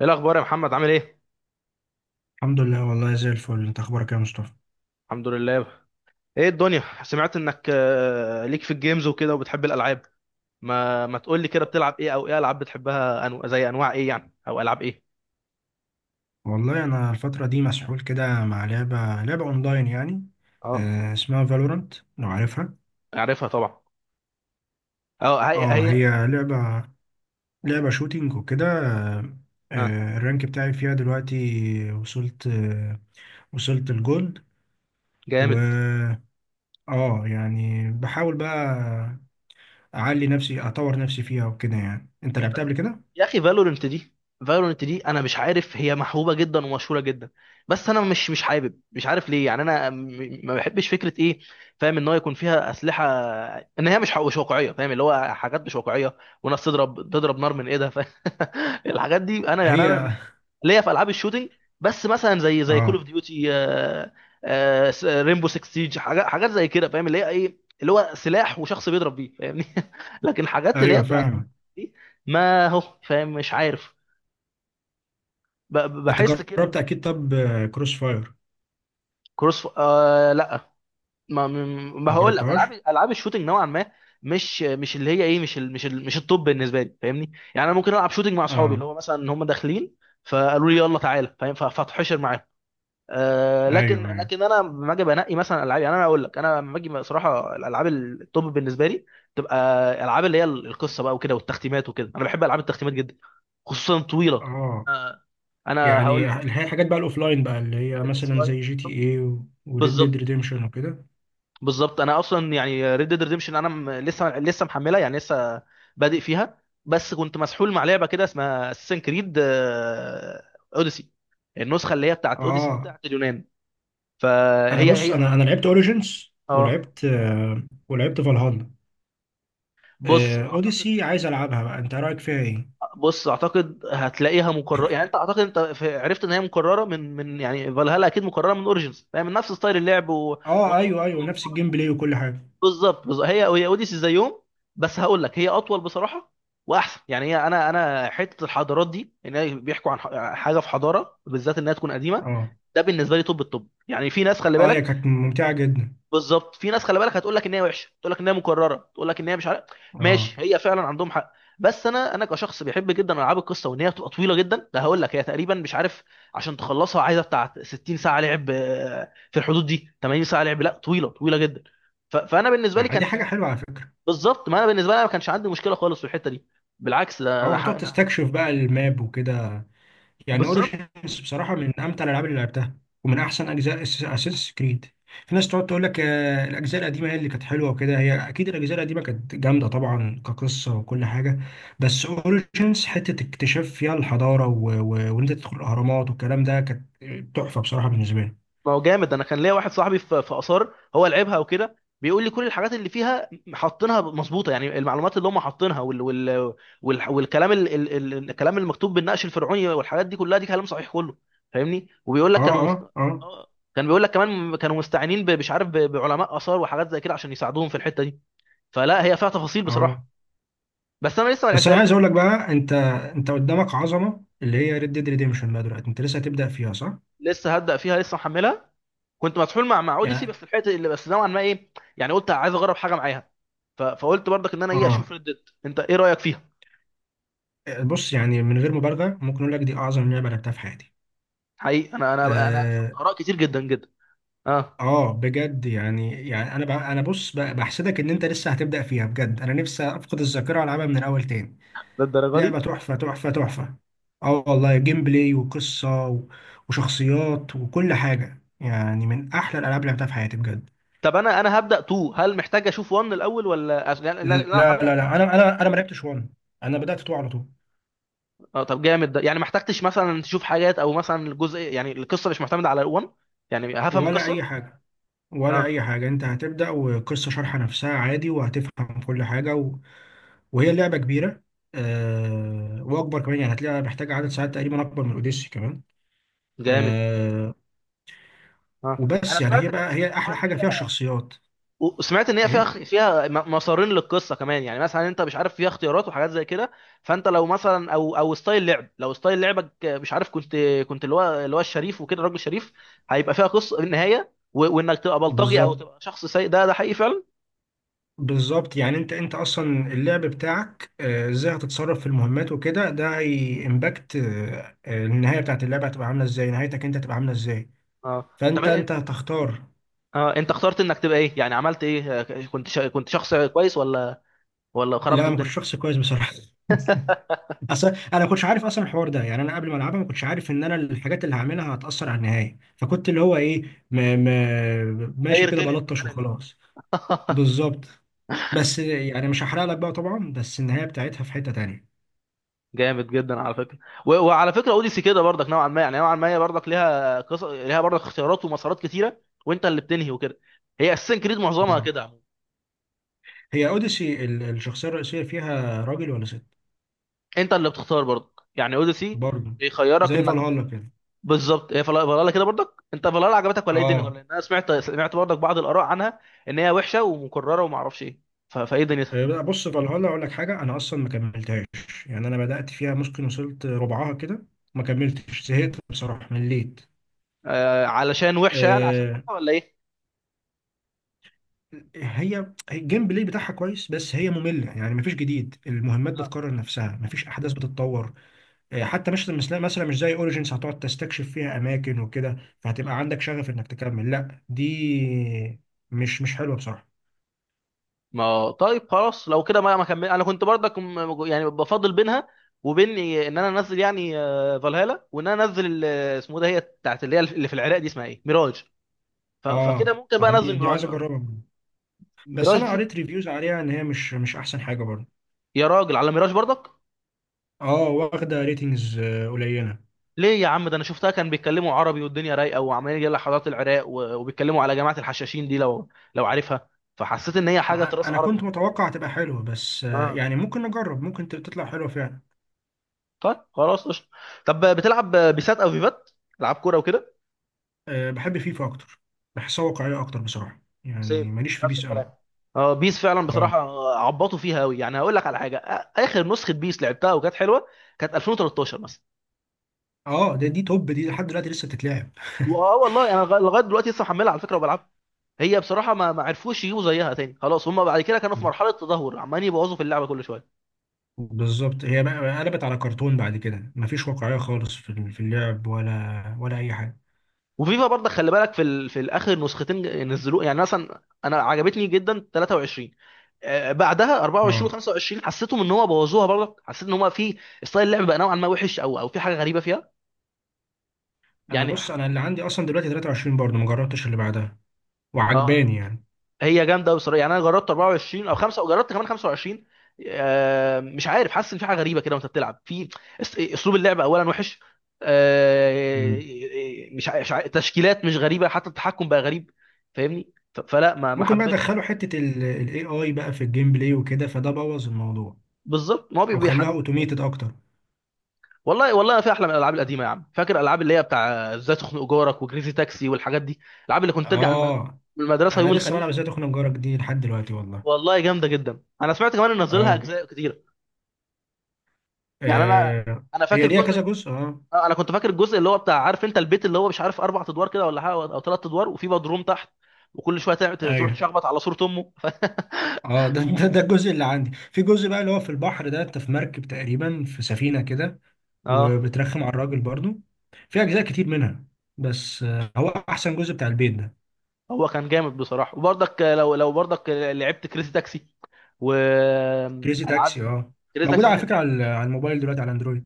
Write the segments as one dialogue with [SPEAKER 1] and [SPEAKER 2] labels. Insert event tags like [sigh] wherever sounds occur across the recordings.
[SPEAKER 1] ايه الاخبار يا محمد، عامل ايه؟
[SPEAKER 2] الحمد لله والله زي الفل، انت اخبارك يا مصطفى؟
[SPEAKER 1] الحمد لله. ايه الدنيا، سمعت انك ليك في الجيمز وكده وبتحب الالعاب. ما تقول لي كده، بتلعب ايه، او ايه العاب بتحبها؟ زي انواع ايه يعني، او العاب ايه؟
[SPEAKER 2] والله انا الفتره دي مسحول كده مع لعبه اونلاين يعني.
[SPEAKER 1] اه،
[SPEAKER 2] آه اسمها فالورانت لو عارفها.
[SPEAKER 1] اعرفها طبعا. اه، هي
[SPEAKER 2] اه
[SPEAKER 1] هي.
[SPEAKER 2] هي لعبه، شوتينج وكده.
[SPEAKER 1] ها.
[SPEAKER 2] الرانك بتاعي فيها دلوقتي وصلت، وصلت الجولد. و
[SPEAKER 1] جامد.
[SPEAKER 2] اه يعني بحاول بقى اعلي نفسي اطور نفسي فيها وكده. يعني انت
[SPEAKER 1] بس
[SPEAKER 2] لعبتها قبل كده؟
[SPEAKER 1] يا اخي، فالورنت دي انا مش عارف، هي محبوبه جدا ومشهوره جدا. بس انا مش حابب، مش عارف ليه، يعني انا ما بحبش فكره ايه. فاهم ان هو يكون فيها اسلحه، ان هي مش واقعيه، فاهم اللي هو حاجات مش واقعيه، وناس تضرب تضرب نار من ايدها، فاهم. [laughs] الحاجات دي انا، يعني انا
[SPEAKER 2] هي
[SPEAKER 1] ليا في العاب الشوتينج، بس مثلا زي كول
[SPEAKER 2] اه
[SPEAKER 1] اوف ديوتي، ريمبو 6 سيج، حاجات حاجات زي كده، فاهم اللي هي ايه، اللي هو سلاح وشخص بيضرب بيه، فاهمني. [laughs] لكن حاجات اللي هي
[SPEAKER 2] ايوه
[SPEAKER 1] بتاعت
[SPEAKER 2] فاهم.
[SPEAKER 1] دي، ما هو فاهم، مش عارف،
[SPEAKER 2] انت
[SPEAKER 1] بحس كده.
[SPEAKER 2] جربت اكيد؟ طب كروس فاير؟
[SPEAKER 1] كروس ف... آه لا، ما ما
[SPEAKER 2] ما
[SPEAKER 1] هقول لك، العاب
[SPEAKER 2] جربتهاش.
[SPEAKER 1] العاب الشوتينج نوعا ما، مش اللي هي ايه، مش التوب بالنسبه لي، فاهمني. يعني انا ممكن العب شوتينج مع اصحابي،
[SPEAKER 2] اه
[SPEAKER 1] اللي هو مثلا هم داخلين فقالوا لي يلا تعالى، فاهم، فاتحشر معاهم. لكن
[SPEAKER 2] ايوه ايوه.
[SPEAKER 1] لكن انا لما اجي بنقي مثلا العاب، يعني انا اقول لك، انا لما اجي صراحه الالعاب التوب بالنسبه لي تبقى العاب اللي هي القصه بقى وكده والتختيمات وكده، انا بحب العاب التختيمات جدا، خصوصا طويله.
[SPEAKER 2] اه
[SPEAKER 1] آه، انا
[SPEAKER 2] يعني
[SPEAKER 1] هقول لك،
[SPEAKER 2] الحاجات بقى الاوفلاين بقى اللي هي مثلا زي
[SPEAKER 1] الاوفلاين.
[SPEAKER 2] جي تي اي وريد ديد
[SPEAKER 1] بالظبط،
[SPEAKER 2] ريديمشن وكده.
[SPEAKER 1] بالظبط. انا اصلا يعني ريد ديد ريديمشن انا لسه محملها، يعني لسه بادئ فيها، بس كنت مسحول مع لعبه كده اسمها اساسن كريد اوديسي. النسخه اللي هي بتاعت اوديسي دي
[SPEAKER 2] اه
[SPEAKER 1] بتاعت اليونان.
[SPEAKER 2] انا
[SPEAKER 1] فهي
[SPEAKER 2] بص،
[SPEAKER 1] هي،
[SPEAKER 2] انا لعبت اوريجينز
[SPEAKER 1] اه.
[SPEAKER 2] ولعبت، ولعبت فالهالا.
[SPEAKER 1] بص
[SPEAKER 2] آه
[SPEAKER 1] اعتقد
[SPEAKER 2] اوديسي عايز العبها بقى، انت رايك فيها ايه؟
[SPEAKER 1] بص اعتقد هتلاقيها مكرره، يعني انت، اعتقد انت عرفت ان هي مكرره من، يعني فالهالا اكيد مكرره من اوريجينز، يعني من نفس ستايل اللعب
[SPEAKER 2] اه ايوه
[SPEAKER 1] وطائفه
[SPEAKER 2] ايوه، نفس الجيم بلاي وكل حاجه.
[SPEAKER 1] بالظبط، بالظبط. هي هي اوديسي زي يوم، بس هقول لك هي اطول بصراحه، واحسن. يعني هي، انا حته الحضارات دي، ان هي بيحكوا عن حاجه في حضاره بالذات انها تكون قديمه،
[SPEAKER 2] اه
[SPEAKER 1] ده بالنسبه لي توب التوب. يعني في ناس خلي
[SPEAKER 2] اه هي
[SPEAKER 1] بالك.
[SPEAKER 2] كانت ممتعه جدا.
[SPEAKER 1] بالظبط، في ناس، خلي بالك، هتقول لك ان هي وحشه، تقول لك ان هي مكرره، تقول لك ان هي مش عارف.
[SPEAKER 2] اه،
[SPEAKER 1] ماشي، هي فعلا عندهم حق، بس انا كشخص بيحب جدا العاب القصه، وان هي بتبقى طويله جدا، ده هقول لك هي تقريبا، مش عارف، عشان تخلصها عايزه بتاع 60 ساعه لعب، في الحدود دي 80 ساعه لعب. لا، طويله طويله جدا. فانا بالنسبه لي
[SPEAKER 2] آه، دي
[SPEAKER 1] كان
[SPEAKER 2] حاجه
[SPEAKER 1] كان
[SPEAKER 2] حلوه على فكره.
[SPEAKER 1] بالظبط، ما انا بالنسبه لي أنا ما كانش عندي مشكله خالص في الحته دي، بالعكس ده انا
[SPEAKER 2] اه، هتقعد تستكشف بقى الماب وكده. يعني
[SPEAKER 1] بالظبط،
[SPEAKER 2] اوريجينز بصراحه من امتع الالعاب اللي لعبتها ومن احسن اجزاء اساس كريد. في ناس تقعد تقول لك آه، الاجزاء القديمه هي اللي كانت حلوه وكده. هي اكيد الاجزاء القديمه كانت جامده طبعا كقصه وكل حاجه، بس اوريجينز حته اكتشاف فيها الحضاره وان انت تدخل الاهرامات والكلام ده كانت تحفه بصراحه بالنسبه لي.
[SPEAKER 1] ما هو جامد. انا كان ليا واحد صاحبي في اثار، هو لعبها وكده، بيقول لي كل الحاجات اللي فيها حاطينها مظبوطه، يعني المعلومات اللي هم حاطينها والكلام ال ال ال الكلام المكتوب بالنقش الفرعوني والحاجات دي كلها، دي كلام صحيح كله، فاهمني. وبيقول
[SPEAKER 2] اه
[SPEAKER 1] لك كانوا مست...
[SPEAKER 2] اه اه
[SPEAKER 1] آه، كان بيقول لك كمان كانوا مستعينين مش عارف بعلماء اثار وحاجات زي كده عشان يساعدوهم في الحته دي. فلا، هي فيها تفاصيل
[SPEAKER 2] اه
[SPEAKER 1] بصراحه، بس انا لسه ما
[SPEAKER 2] بس انا
[SPEAKER 1] لعبتهاش
[SPEAKER 2] عايز اقول
[SPEAKER 1] بصراحه.
[SPEAKER 2] لك بقى، انت، انت قدامك عظمه اللي هي ريد ديد ريديمشن بقى دلوقتي. انت لسه هتبدا فيها صح؟
[SPEAKER 1] لسه هبدا فيها، لسه محملها. كنت مسحول مع اوديسي،
[SPEAKER 2] يعني
[SPEAKER 1] بس الحته اللي بس نوعا ما ايه، يعني قلت عايز اجرب حاجه معاها، فقلت برضك ان انا ايه،
[SPEAKER 2] اه.
[SPEAKER 1] اشوف ريد ديد. انت ايه رايك فيها؟
[SPEAKER 2] بص، يعني من غير مبالغة ممكن أقول لك دي أعظم لعبة لعبتها في حياتي.
[SPEAKER 1] حقيقي، انا شفت
[SPEAKER 2] آه,
[SPEAKER 1] اراء كتير جدا جدا. اه،
[SPEAKER 2] آه بجد يعني، يعني أنا بقى أنا بص بقى بحسدك إن أنت لسه هتبدأ فيها، بجد أنا نفسي أفقد الذاكرة وألعبها من الأول تاني.
[SPEAKER 1] للدرجه دي؟
[SPEAKER 2] لعبة تحفة تحفة تحفة. آه والله، جيم بلاي وقصة و- وشخصيات وكل حاجة، يعني من أحلى الألعاب اللي لعبتها في حياتي بجد.
[SPEAKER 1] طب انا هبدا 2، هل محتاج اشوف 1 الاول ولا لا، لا، لا،
[SPEAKER 2] لا،
[SPEAKER 1] انا
[SPEAKER 2] لا
[SPEAKER 1] هعملها
[SPEAKER 2] لا،
[SPEAKER 1] 2.
[SPEAKER 2] أنا ما لعبتش وان، أنا بدأت تو على طول.
[SPEAKER 1] اه، طب جامد، ده يعني ما احتجتش مثلا تشوف حاجات، او مثلا الجزء يعني القصه مش معتمده على 1؟ يعني هفهم
[SPEAKER 2] ولا أي
[SPEAKER 1] القصه.
[SPEAKER 2] حاجة. ولا
[SPEAKER 1] اه،
[SPEAKER 2] أي حاجة، أنت هتبدأ وقصة شارحة نفسها عادي وهتفهم كل حاجة. وهي لعبة كبيرة. آه، وأكبر كمان، يعني هتلاقيها محتاجة عدد ساعات تقريبا أكبر من أوديسي كمان.
[SPEAKER 1] جامد.
[SPEAKER 2] آه.
[SPEAKER 1] اه، انا
[SPEAKER 2] وبس يعني، هي
[SPEAKER 1] سمعت
[SPEAKER 2] بقى هي
[SPEAKER 1] سمعت
[SPEAKER 2] أحلى
[SPEAKER 1] كمان ان
[SPEAKER 2] حاجة فيها
[SPEAKER 1] هي،
[SPEAKER 2] الشخصيات.
[SPEAKER 1] وسمعت ان هي
[SPEAKER 2] إيه.
[SPEAKER 1] فيها مسارين للقصه كمان. يعني مثلا انت مش عارف، فيها اختيارات وحاجات زي كده، فانت لو مثلا، او ستايل لعب، لو ستايل لعبك مش عارف، كنت اللي هو الشريف وكده، الراجل الشريف، هيبقى فيها قصه النهايه، وانك تبقى بلطجي او
[SPEAKER 2] بالظبط،
[SPEAKER 1] تبقى شخص سيء، ده حقيقي فعلا.
[SPEAKER 2] بالظبط. يعني أنت، أنت أصلا اللعب بتاعك آه، إزاي هتتصرف في المهمات وكده، ده هيمباكت النهاية بتاعت اللعبة. هتبقى عاملة إزاي، نهايتك أنت هتبقى عاملة إزاي.
[SPEAKER 1] اه، طب
[SPEAKER 2] فأنت، أنت هتختار.
[SPEAKER 1] اه انت اخترت انك تبقى ايه، يعني عملت ايه؟ كنت شخص كويس ولا
[SPEAKER 2] لا
[SPEAKER 1] خربت
[SPEAKER 2] أنا ما
[SPEAKER 1] الدنيا؟
[SPEAKER 2] كنتش شخص كويس بصراحة [laughs]
[SPEAKER 1] [laughs]
[SPEAKER 2] اصل انا ما كنتش عارف اصلا الحوار ده. يعني انا قبل ما العبها ما كنتش عارف ان انا الحاجات اللي هعملها هتاثر على النهايه، فكنت اللي هو ايه ماشي
[SPEAKER 1] خير،
[SPEAKER 2] كده
[SPEAKER 1] تاني في
[SPEAKER 2] بلطش
[SPEAKER 1] خلق الله.
[SPEAKER 2] وخلاص.
[SPEAKER 1] [laughs]
[SPEAKER 2] بالظبط. بس يعني مش هحرق لك بقى طبعا، بس النهايه بتاعتها في حته تانية.
[SPEAKER 1] جامد جدا على فكره. وعلى فكره، اوديسي كده برضك نوعا ما، يعني نوعا ما هي برضك ليها قصص، ليها برضك اختيارات ومسارات كتيره، وانت اللي بتنهي وكده. هي اساسا كريد معظمها
[SPEAKER 2] اه.
[SPEAKER 1] كده عموماً.
[SPEAKER 2] هي اوديسي الشخصيه الرئيسيه فيها راجل ولا ست؟
[SPEAKER 1] انت اللي بتختار برضك. يعني اوديسي
[SPEAKER 2] برضه
[SPEAKER 1] بيخيرك
[SPEAKER 2] زي
[SPEAKER 1] انك
[SPEAKER 2] فالهالا كده.
[SPEAKER 1] بالظبط. هي فلالا كده برضك، انت فلالا عجبتك ولا ايه الدنيا
[SPEAKER 2] اه
[SPEAKER 1] كلها؟ انا سمعت برضك بعض الاراء عنها، ان هي وحشه ومكرره وما اعرفش ايه، فايه دنيتها؟
[SPEAKER 2] آه، بص فالهالا اقول لك حاجه، انا اصلا ما كملتهاش. يعني انا بدات فيها ممكن وصلت ربعها كده. ما كملتش، زهقت بصراحه، مليت.
[SPEAKER 1] علشان وحشه، يعني عشان وحشه ولا ايه؟
[SPEAKER 2] هي هي الجيم بلاي بتاعها كويس بس هي مملة، يعني مفيش جديد، المهمات
[SPEAKER 1] اه،
[SPEAKER 2] بتكرر نفسها، مفيش أحداث بتتطور. آه، حتى مثلا مش زي أوريجينز هتقعد تستكشف فيها أماكن وكده فهتبقى
[SPEAKER 1] آه.
[SPEAKER 2] عندك شغف إنك تكمل. لا دي مش حلوة بصراحة.
[SPEAKER 1] ما طيب خلاص، لو كده ما كمل. انا كنت برضك يعني بفضل بينها وبين ان انا انزل، يعني فالهالا، وان انا انزل اسمه ده، هي بتاعت اللي هي اللي في العراق دي، اسمها ايه، ميراج. فكده
[SPEAKER 2] اه
[SPEAKER 1] ممكن بقى
[SPEAKER 2] اه، دي
[SPEAKER 1] انزل
[SPEAKER 2] دي
[SPEAKER 1] ميراج
[SPEAKER 2] عايز
[SPEAKER 1] بقى.
[SPEAKER 2] أجربها. بس
[SPEAKER 1] ميراج
[SPEAKER 2] أنا
[SPEAKER 1] دي،
[SPEAKER 2] قريت ريفيوز عليها إن هي مش أحسن حاجة برضه.
[SPEAKER 1] يا راجل، على ميراج برضك؟
[SPEAKER 2] اه، واخدة ريتنجز قليلة.
[SPEAKER 1] ليه يا عم؟ ده انا شفتها كان بيتكلموا عربي، والدنيا رايقه، وعمالين يجي حضارات العراق وبيتكلموا على جماعه الحشاشين دي، لو عارفها، فحسيت ان هي حاجه تراث
[SPEAKER 2] أنا
[SPEAKER 1] عربي.
[SPEAKER 2] كنت متوقع تبقى حلوة، بس آه،
[SPEAKER 1] اه،
[SPEAKER 2] يعني ممكن نجرب، ممكن تطلع حلوة فعلا.
[SPEAKER 1] طيب خلاص قشطه. طب بتلعب بيسات او فيفات، العاب كوره وكده؟
[SPEAKER 2] أه بحب فيفا اكتر، بحسها واقعيه اكتر بصراحه، يعني
[SPEAKER 1] سيم،
[SPEAKER 2] ماليش في
[SPEAKER 1] نفس
[SPEAKER 2] بيس
[SPEAKER 1] الكلام.
[SPEAKER 2] قوي.
[SPEAKER 1] اه، بيس فعلا
[SPEAKER 2] اه
[SPEAKER 1] بصراحه عبطوا فيها قوي. يعني هقول لك على حاجه، اخر نسخه بيس لعبتها وكانت حلوه، كانت 2013 مثلا.
[SPEAKER 2] اه، ده دي توب، دي لحد دلوقتي لسه بتتلعب.
[SPEAKER 1] واه والله، انا لغايه دلوقتي لسه محملها على فكره وبلعبها. هي بصراحه ما عرفوش يجيبوا زيها تاني، خلاص. هم بعد كده كانوا في مرحله تدهور، عمالين يبوظوا في اللعبه كل شويه.
[SPEAKER 2] بالظبط. هي بقى قلبت على كرتون بعد كده، مفيش واقعيه خالص في اللعب ولا اي حاجه.
[SPEAKER 1] وفيفا برضه خلي بالك في في الاخر نسختين نزلوه، يعني مثلا انا عجبتني جدا 23، بعدها 24
[SPEAKER 2] اه
[SPEAKER 1] و25 حسيتهم ان هو بوظوها برضه. حسيت ان هو في ستايل اللعب بقى نوعا ما وحش، او في حاجه غريبه فيها،
[SPEAKER 2] انا
[SPEAKER 1] يعني.
[SPEAKER 2] بص، انا اللي عندي اصلا دلوقتي 23 برضه، ما جربتش اللي بعدها،
[SPEAKER 1] اه،
[SPEAKER 2] وعجباني يعني.
[SPEAKER 1] هي جامده قوي بصراحه. يعني انا جربت 24 او 5 وجربت كمان 25. مش عارف، حاسس ان في حاجه غريبه كده وانت بتلعب في اسلوب اللعب اولا وحش.
[SPEAKER 2] مم.
[SPEAKER 1] آه
[SPEAKER 2] مم.
[SPEAKER 1] مش ع- مش ع- تشكيلات مش غريبه، حتى التحكم بقى غريب، فاهمني. فلا، ما
[SPEAKER 2] ممكن بقى
[SPEAKER 1] حبيتش
[SPEAKER 2] ادخلوا
[SPEAKER 1] بصراحه.
[SPEAKER 2] حته الاي اي بقى في الجيم بلاي وكده، فده بوظ الموضوع.
[SPEAKER 1] بالظبط، ما هو
[SPEAKER 2] او خلوها
[SPEAKER 1] بيحد.
[SPEAKER 2] اوتوميتد اكتر.
[SPEAKER 1] والله، والله في احلى من الالعاب القديمه، يا عم فاكر الالعاب اللي هي بتاع، ازاي تخنق جارك وكريزي تاكسي والحاجات دي؟ الالعاب اللي كنت ترجع
[SPEAKER 2] اه
[SPEAKER 1] من المدرسه
[SPEAKER 2] انا
[SPEAKER 1] يوم
[SPEAKER 2] لسه بلعب
[SPEAKER 1] الخميس.
[SPEAKER 2] ازاي تخنق جارك دي لحد دلوقتي والله.
[SPEAKER 1] والله جامده جدا. انا سمعت كمان ان نزلها
[SPEAKER 2] اه
[SPEAKER 1] اجزاء كتير. يعني انا
[SPEAKER 2] آه
[SPEAKER 1] انا
[SPEAKER 2] هي
[SPEAKER 1] فاكر
[SPEAKER 2] ليها كذا
[SPEAKER 1] جزء،
[SPEAKER 2] جزء اه.
[SPEAKER 1] انا كنت فاكر الجزء اللي هو بتاع، عارف انت البيت اللي هو مش عارف اربع ادوار كده ولا حاجه، او ثلاث ادوار، وفي بدروم تحت، وكل شويه تروح
[SPEAKER 2] ايوه.
[SPEAKER 1] تشخبط على صوره امه. [laughs]
[SPEAKER 2] اه ده الجزء اللي عندي. في جزء بقى اللي هو في البحر ده، انت في مركب تقريبا، في سفينة كده
[SPEAKER 1] اه،
[SPEAKER 2] وبترخم على الراجل برضو. في اجزاء كتير منها، بس آه، هو احسن جزء بتاع البيت ده.
[SPEAKER 1] هو كان جامد بصراحه، وبرضك لو برضك لعبت كريزي تاكسي
[SPEAKER 2] كريزي تاكسي
[SPEAKER 1] والعاب.
[SPEAKER 2] اه.
[SPEAKER 1] كريزي
[SPEAKER 2] موجود
[SPEAKER 1] تاكسي دي
[SPEAKER 2] على
[SPEAKER 1] كان
[SPEAKER 2] فكرة،
[SPEAKER 1] جامد.
[SPEAKER 2] على على الموبايل دلوقتي على اندرويد.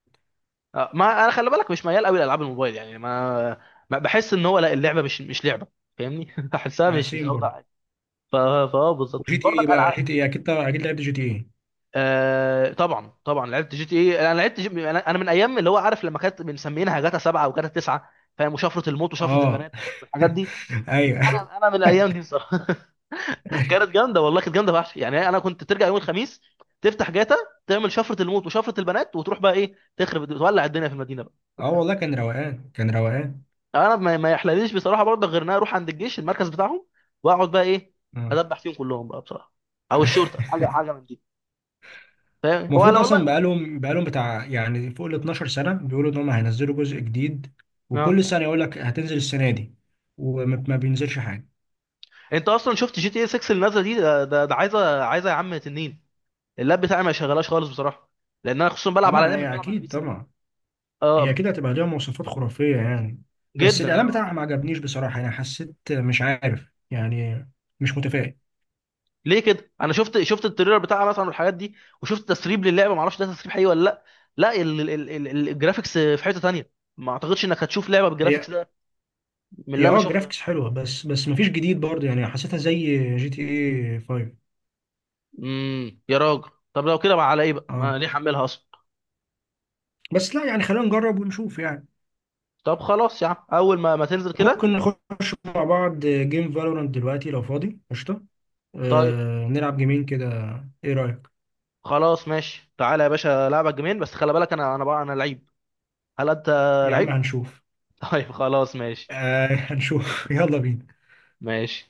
[SPEAKER 1] ما انا خلي بالك مش ميال قوي لالعاب الموبايل، يعني ما بحس ان هو، لا، اللعبه مش لعبه، فاهمني. [laughs] بحسها
[SPEAKER 2] على
[SPEAKER 1] مش
[SPEAKER 2] سيم برضو.
[SPEAKER 1] اوضح حاجه، فا بالظبط
[SPEAKER 2] وجي تي ايه
[SPEAKER 1] برضك
[SPEAKER 2] بقى،
[SPEAKER 1] العاب.
[SPEAKER 2] جي تي ايه اكيد طبعا، اكيد لعبت جي تي ايه.
[SPEAKER 1] طبعا، طبعا، لعبت جي تي ايه. انا لعبت انا من ايام، اللي هو عارف لما كانت بنسمينها جاتا 7 وجاتا 9، فاهم، وشفرة الموت وشفرة
[SPEAKER 2] اه
[SPEAKER 1] البنات والحاجات دي.
[SPEAKER 2] [laughs] ايوه
[SPEAKER 1] انا من
[SPEAKER 2] [laughs]
[SPEAKER 1] الايام دي الصراحه. [laughs] كانت جامده والله، كانت جامده فشخ. يعني انا كنت ترجع يوم الخميس، تفتح جاتا، تعمل شفرة الموت وشفرة البنات، وتروح بقى ايه، تخرب، تولع الدنيا في المدينه بقى.
[SPEAKER 2] اه والله كان روقان، كان روقان.
[SPEAKER 1] انا ما يحلليش بصراحه برضه، غير ان انا اروح عند الجيش المركز بتاعهم، واقعد بقى ايه،
[SPEAKER 2] اه
[SPEAKER 1] ادبح فيهم كلهم بقى بصراحه، او الشرطه، حاجه
[SPEAKER 2] [laughs]
[SPEAKER 1] حاجه من دي، فاهم، هو
[SPEAKER 2] المفروض
[SPEAKER 1] على
[SPEAKER 2] اصلا
[SPEAKER 1] والله.
[SPEAKER 2] بقالهم بتاع يعني فوق ال 12 سنه بيقولوا ان هم هينزلوا جزء جديد،
[SPEAKER 1] اه،
[SPEAKER 2] وكل سنه يقول لك هتنزل السنه دي وما ما بينزلش حاجه.
[SPEAKER 1] انت اصلا شفت جي تي اي 6 اللي نازله دي؟ ده عايزه، عايزه يا عم تنين. اللاب بتاعي ما شغلاش خالص بصراحه، لان انا خصوصا بلعب على
[SPEAKER 2] اما
[SPEAKER 1] لاب، مش
[SPEAKER 2] هي
[SPEAKER 1] بلعب على بي
[SPEAKER 2] اكيد
[SPEAKER 1] سي.
[SPEAKER 2] طبعا، هي
[SPEAKER 1] اه،
[SPEAKER 2] اكيد هتبقى ليها مواصفات خرافيه يعني. بس
[SPEAKER 1] جدا. انا
[SPEAKER 2] الاعلان
[SPEAKER 1] ما اعرف،
[SPEAKER 2] بتاعها ما عجبنيش بصراحه، انا حسيت مش عارف يعني، مش متفائل.
[SPEAKER 1] ليه كده انا شفت التريلر بتاعها مثلا والحاجات دي، وشفت تسريب للعبه، ما اعرفش ده تسريب حقيقي ولا لا. لا، الجرافيكس في حته تانية، ما اعتقدش انك هتشوف لعبه
[SPEAKER 2] هي
[SPEAKER 1] بالجرافيكس ده، من
[SPEAKER 2] هي
[SPEAKER 1] اللي انا
[SPEAKER 2] اه
[SPEAKER 1] شفته يعني.
[SPEAKER 2] جرافيكس حلوه، بس بس ما فيش جديد برضه، يعني حسيتها زي جي تي اي 5.
[SPEAKER 1] يا راجل، طب لو كده بقى، على ايه بقى،
[SPEAKER 2] اه
[SPEAKER 1] ما ليه حملها اصلا.
[SPEAKER 2] بس لا يعني خلينا نجرب ونشوف يعني.
[SPEAKER 1] طب خلاص يا عم، اول ما تنزل كده.
[SPEAKER 2] ممكن نخش مع بعض جيم فالورانت دلوقتي لو فاضي، قشطه.
[SPEAKER 1] طيب،
[SPEAKER 2] آه، نلعب جيمين كده. ايه رأيك؟
[SPEAKER 1] خلاص، ماشي. تعالى يا باشا، لعبك جيمين بس خلي بالك، انا بقى انا لعيب. هل انت
[SPEAKER 2] يا عم
[SPEAKER 1] لعيب؟
[SPEAKER 2] هنشوف.
[SPEAKER 1] [laughs] طيب خلاص، ماشي،
[SPEAKER 2] آه [laughs] هنشوف يلا بينا.
[SPEAKER 1] ماشي.